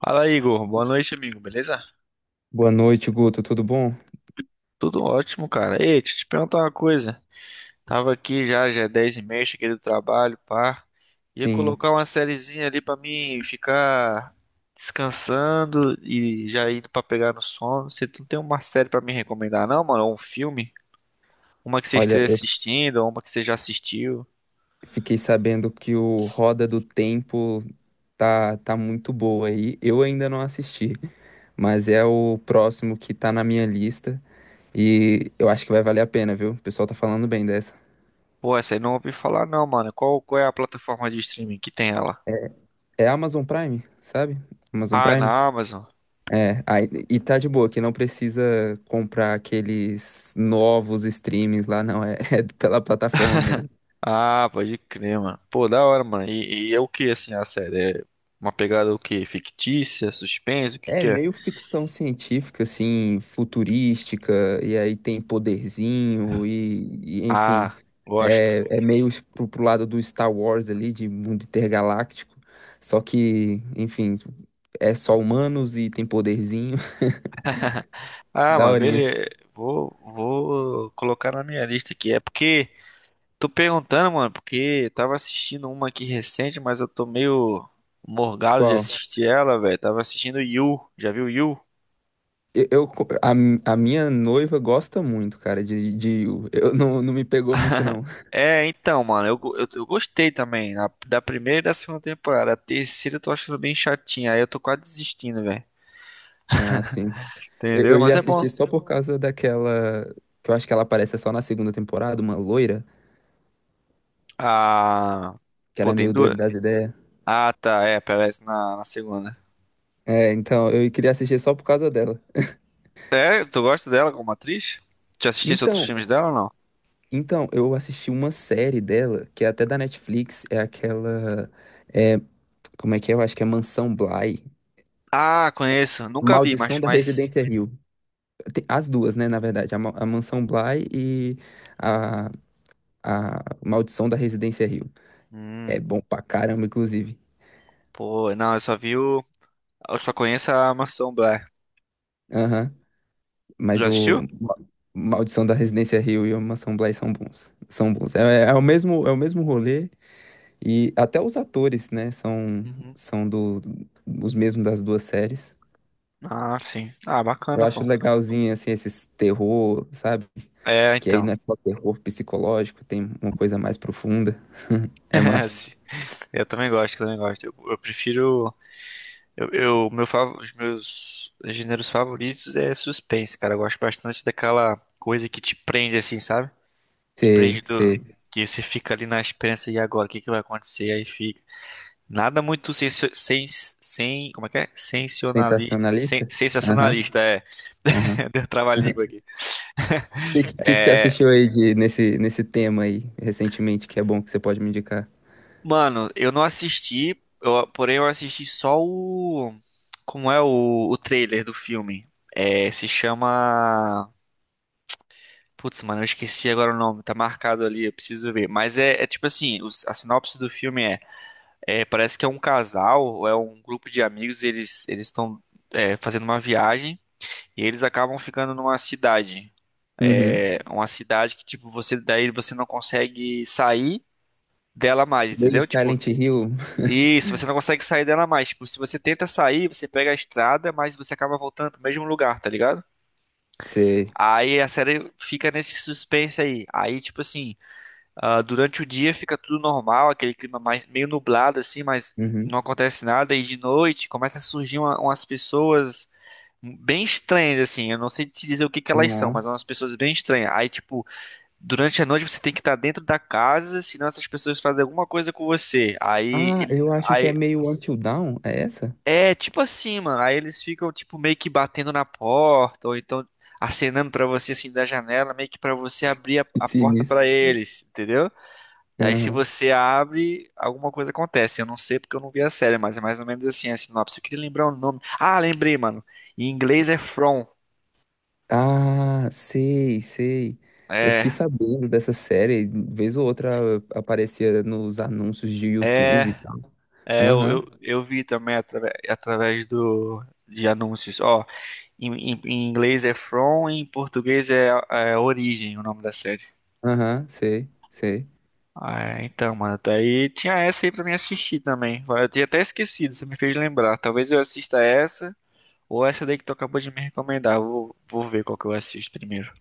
Fala, Igor. Boa noite, amigo. Beleza? Boa noite, Guto. Tudo bom? Tudo ótimo, cara. Ei, deixa eu te perguntar uma coisa. Tava aqui já, já é 10h30, cheguei do trabalho, pá. Ia Sim. colocar uma sériezinha ali pra mim ficar descansando e já indo pra pegar no sono. Você não tem uma série pra me recomendar, não, mano? Ou um filme? Uma que você Olha, esteja eu assistindo, ou uma que você já assistiu? fiquei sabendo que o Roda do Tempo tá muito boa aí. Eu ainda não assisti, mas é o próximo que tá na minha lista e eu acho que vai valer a pena, viu? O pessoal tá falando bem dessa. Pô, essa aí não ouvi falar, não, mano. Qual é a plataforma de streaming que tem ela? É Amazon Prime, sabe? Amazon Ah, é Prime? na Amazon. É, aí, e tá de boa, que não precisa comprar aqueles novos streamings lá, não. É, é pela plataforma mesmo. Ah, pode crer, mano. Pô, da hora, mano. E é o que, assim, a série? É uma pegada o quê? Fictícia? Suspense? O que É que é? meio ficção científica, assim, futurística, e aí tem poderzinho, enfim, Ah, gosto. é, é meio pro lado do Star Wars ali, de mundo intergaláctico, só que, enfim, é só humanos e tem poderzinho, Ah, mano, daorinha. beleza. Vou colocar na minha lista aqui. É porque, tô perguntando, mano, porque tava assistindo uma aqui recente, mas eu tô meio morgado de Qual? assistir ela, velho. Tava assistindo You. Já viu You? Eu, eu- a, a minha noiva gosta muito, cara, de U. Eu não, não me pegou muito, não. É, então, mano, eu gostei também da primeira e da segunda temporada. A terceira eu tô achando bem chatinha. Aí eu tô quase desistindo, velho. Ah, sim. Entendeu? Eu Mas ia é bom. assistir só por causa daquela, que eu acho que ela aparece só na segunda temporada, uma loira. Ah, Que ela pô, é tem meio duas. doida das ideias. Ah, tá, é, aparece na segunda. É, então, eu queria assistir só por causa dela. É, tu gosta dela como atriz? Já assististe outros Então, filmes dela ou não? então, eu assisti uma série dela, que é até da Netflix, é aquela. É, como é que é? Eu acho que é Mansão Bly. Ah, conheço. Nunca vi, mas, Maldição da mas... Residência Hill. Tem as duas, né, na verdade. A, Ma- a Mansão Bly e a, a Maldição da Residência Hill. Hum, É bom pra caramba, inclusive. Pô, não, eu só vi o. Eu só conheço a Mansão Blair. Aham. Mas Já assistiu? o Ma- Maldição da Residência Hill e a Mansão Bly são bons. São bons. É, é o mesmo rolê. E até os atores, né, são, Uhum. são do, os mesmos das duas séries. Ah, sim. Ah, Eu bacana, acho pô. legalzinho, assim, esses terror, sabe? É, Que aí então. não é só terror psicológico, tem uma coisa mais profunda. É massa. Eu também gosto, eu também gosto. Eu prefiro. Os meus gêneros favoritos é suspense, cara. Eu gosto bastante daquela coisa que te prende, assim, sabe? Te prende Você, do, você, que você fica ali na esperança, e agora, o que que vai acontecer? Aí fica. Nada muito sensio- sens, sem, como é que é? Sensacionalista. sensacionalista? Sen- Aham, sensacionalista, é. aham. Deu trava-língua aqui. O que você É, assistiu aí de, nesse, nesse tema aí, recentemente, que é bom que você pode me indicar? mano, eu não assisti, porém eu assisti só como é o trailer do filme. É, se chama Putz, mano, eu esqueci agora o nome, tá marcado ali, eu preciso ver. Mas é tipo assim, a sinopse do filme é, parece que é um casal, ou é um grupo de amigos, eles estão fazendo uma viagem e eles acabam ficando numa cidade. Uhum. É, uma cidade que, tipo, você daí você não consegue sair dela mais, Meio entendeu? Tipo, Silent Hill. isso, você não consegue sair dela mais. Tipo, se você tenta sair, você pega a estrada, mas você acaba voltando pro mesmo lugar, tá ligado? Você. Aí a série fica nesse suspense aí. Aí, tipo assim. Ah, durante o dia fica tudo normal, aquele clima mais meio nublado assim, mas Uhum. não acontece nada. E de noite começa a surgir umas pessoas bem estranhas assim. Eu não sei te dizer o que que elas são, mas são Nossa. umas pessoas bem estranhas. Aí tipo, durante a noite você tem que estar dentro da casa, senão essas pessoas fazem alguma coisa com você. Aí Ah, ele, eu acho que é aí meio Until Dawn, é essa? é tipo assim, mano. Aí eles ficam tipo meio que batendo na porta ou então acenando pra você assim da janela, meio que pra você abrir a porta pra Sinistro. eles, entendeu? E aí, se Aham. você abre, alguma coisa acontece. Eu não sei porque eu não vi a série, mas é mais ou menos assim, a sinopse. Eu queria lembrar o nome. Ah, lembrei, mano. Em inglês é From. Ah, sei, sei. Eu fiquei É, sabendo dessa série, vez ou outra aparecia nos anúncios de é, YouTube e tal. é. Eu, Aham, eu, eu vi também através do de anúncios. Ó, em inglês é From, em português é Origem, o nome da série. aham, sei, sei. Ah, é, então, mano, daí tinha essa aí pra mim assistir também. Eu tinha até esquecido, você me fez lembrar. Talvez eu assista essa. Ou essa daí que tu acabou de me recomendar. Vou ver qual que eu assisto primeiro.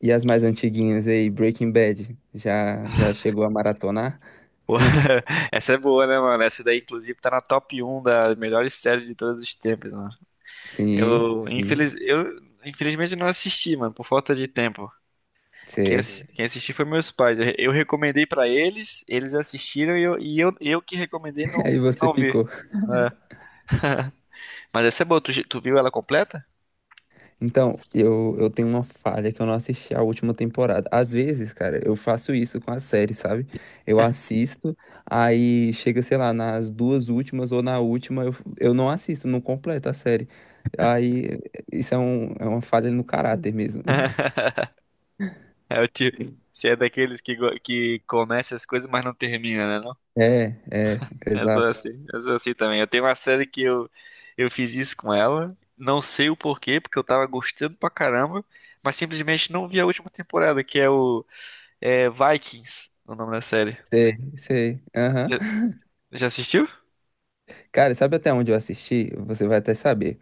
E as mais antiguinhas aí, Breaking Bad, já já chegou a maratonar? Pô, Essa é boa, né, mano? Essa daí, inclusive, tá na top um das melhores séries de todos os tempos, mano. Sim, Eu, sim, infeliz... eu infelizmente não assisti, mano, por falta de tempo. Quem, sei. ass- quem assistiu foi meus pais. Eu recomendei pra eles, eles assistiram eu que recomendei Aí não, você não vi. ficou. É. Mas essa é boa, tu viu ela completa? Então, eu tenho uma falha que eu não assisti a última temporada. Às vezes, cara, eu faço isso com a série, sabe? Eu assisto, aí chega, sei lá, nas duas últimas ou na última, eu não assisto, não completo a série. Aí, isso é, um, é uma falha no caráter mesmo. É o tipo, você é daqueles que começa as coisas, mas não termina, né? É, é, exato. Eu sou assim também. Eu tenho uma série que eu fiz isso com ela. Não sei o porquê, porque eu tava gostando pra caramba, mas simplesmente não vi a última temporada, que é o é Vikings, o nome da série. Sei, sei. Aham. Já, já assistiu? Cara, sabe até onde eu assisti? Você vai até saber.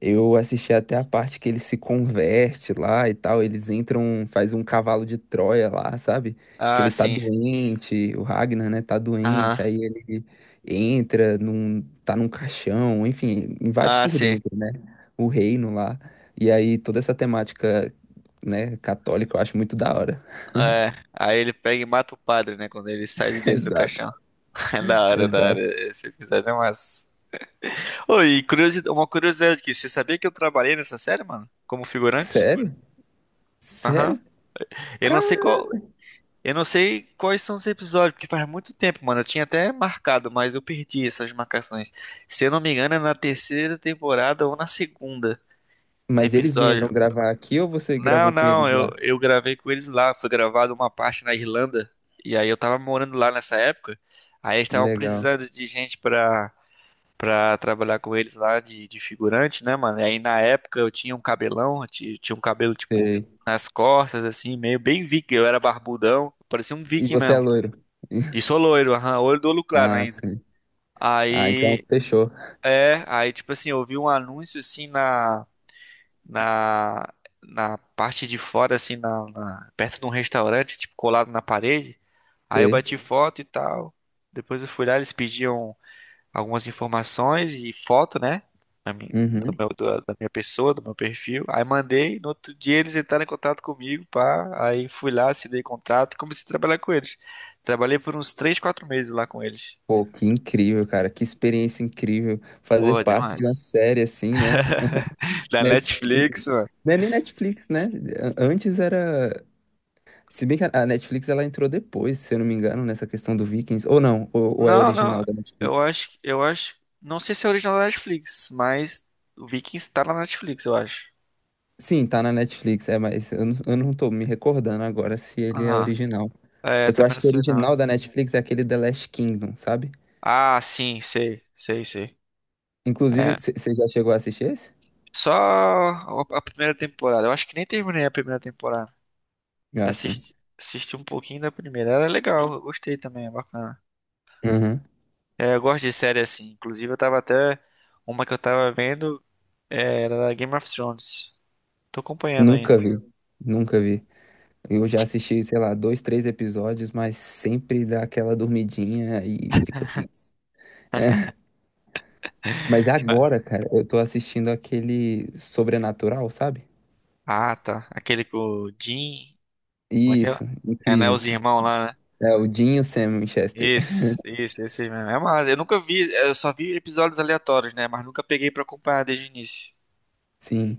Eu assisti até a parte que ele se converte lá e tal. Eles entram, faz um cavalo de Troia lá, sabe? Que Ah, ele tá sim. doente, o Ragnar, né, tá doente. Aham. Aí ele entra, num, tá num caixão, enfim, invade Ah, por sim. dentro, né? O reino lá. E aí toda essa temática, né, católica eu acho muito da hora. É. Aí ele pega e mata o padre, né? Quando ele sai de dentro do Exato, caixão. É da hora, da hora. exato. Esse episódio é massa. Ô, e curiosidade, uma curiosidade aqui. Você sabia que eu trabalhei nessa série, mano? Como figurante? Sério? Aham. Sério? Eu não sei Cara! qual, Eu não sei quais são os episódios, porque faz muito tempo, mano. Eu tinha até marcado, mas eu perdi essas marcações. Se eu não me engano, é na terceira temporada ou na segunda no Mas eles vieram episódio. gravar aqui ou você Não, gravou com não, eles lá? eu gravei com eles lá. Foi gravado uma parte na Irlanda. E aí eu tava morando lá nessa época. Aí eles Que estavam legal. precisando de gente pra trabalhar com eles lá, de figurante, né, mano? E aí na época eu tinha um cabelão, tinha um cabelo tipo Sei. nas costas, assim, meio bem viking. Eu era barbudão, parecia um E viking você é mesmo. loiro. E sou loiro, aham, olho do olho claro Ah, ainda. sim. Ah, então Aí, fechou. aí tipo assim, eu vi um anúncio assim na, na parte de fora, assim, perto de um restaurante, tipo, colado na parede. Aí eu Sei. bati foto e tal. Depois eu fui lá, eles pediam algumas informações e foto, né? Da minha, do Uhum. meu- do- da minha pessoa, do meu perfil. Aí mandei, no outro dia eles entraram em contato comigo, pá. Aí fui lá, assinei contrato e comecei a trabalhar com eles. Trabalhei por uns 3, 4 meses lá com eles. Pô, que incrível, cara. Que experiência incrível. Fazer Pô, parte de uma demais. série assim, né? Da Net... Netflix, mano. Não é nem Netflix, né? A- Antes era. Se bem que a Netflix ela entrou depois, se eu não me engano, nessa questão do Vikings. Ou não, ou é Não, não. original da Eu Netflix. acho, eu acho. Não sei se é original da Netflix, mas o Vikings tá na Netflix, eu acho. Sim, tá na Netflix, é, mas eu não tô me recordando agora se ele é Aham. original. É, Porque eu também não acho que o sei não. original da Netflix é aquele The Last Kingdom, sabe? Ah, sim, sei, sei, sei. Inclusive, É. você já chegou a assistir esse? Só a primeira temporada. Eu acho que nem terminei a primeira temporada. Já, sim. Assisti um pouquinho da primeira. Era legal, eu gostei também, é bacana. Uhum. É, eu gosto de série assim. Inclusive, eu tava até. Uma que eu tava vendo era da Game of Thrones. Tô acompanhando Nunca ainda. vi. Nunca vi. Eu já assisti, sei lá, dois, três episódios, mas sempre dá aquela dormidinha e fica tenso. Mas agora, cara, eu tô assistindo aquele Sobrenatural, sabe? Ah, tá. Aquele com o Jim. Como é que é? Isso, É, né? incrível. Os irmãos lá, né? É o Dean e o Sam Winchester. Esse mesmo. É massa. Eu nunca vi, eu só vi episódios aleatórios, né? Mas nunca peguei pra acompanhar desde o início. Sim.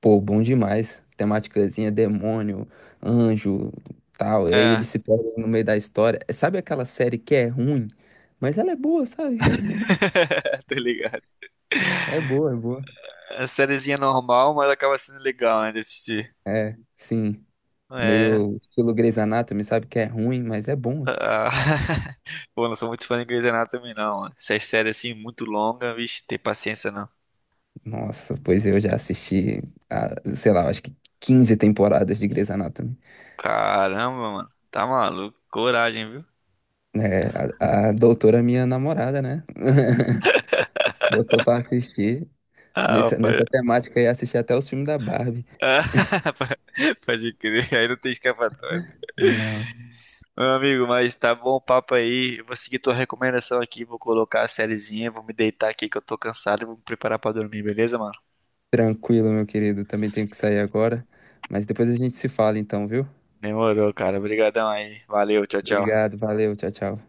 Pô, bom demais. Temáticazinha, demônio, anjo, tal. E aí É, eles se perdem no meio da história. Sabe aquela série que é ruim, mas ela é boa, sabe? Tá ligado? É boa, é boa. É sériezinha normal, mas acaba sendo legal, né? De assistir. É, sim. É. Meio estilo Grey's Anatomy, sabe que é ruim, mas é bom. Ah. Pô, não sou muito fã de Grey's Anatomy também, não, mano. Essas séries assim, muito longas, vixe, ter paciência não. Nossa, pois eu já assisti, a, sei lá, acho que 15 temporadas de Grey's Anatomy. Caramba, mano. Tá maluco. Coragem, viu? É, a doutora, minha namorada, né? Botou pra assistir. Ah, Nessa, rapaz. nessa temática e assisti até os filmes da Barbie. Ah, pode crer. Aí não tem escapatória. Não, Meu amigo, mas tá bom o papo aí. Eu vou seguir tua recomendação aqui, vou colocar a sériezinha, vou me deitar aqui que eu tô cansado, e vou me preparar pra dormir, beleza, mano? tranquilo, meu querido. Também tenho que sair agora. Mas depois a gente se fala, então, viu? Demorou, cara. Obrigadão aí. Valeu, tchau, tchau. Obrigado, valeu, tchau, tchau.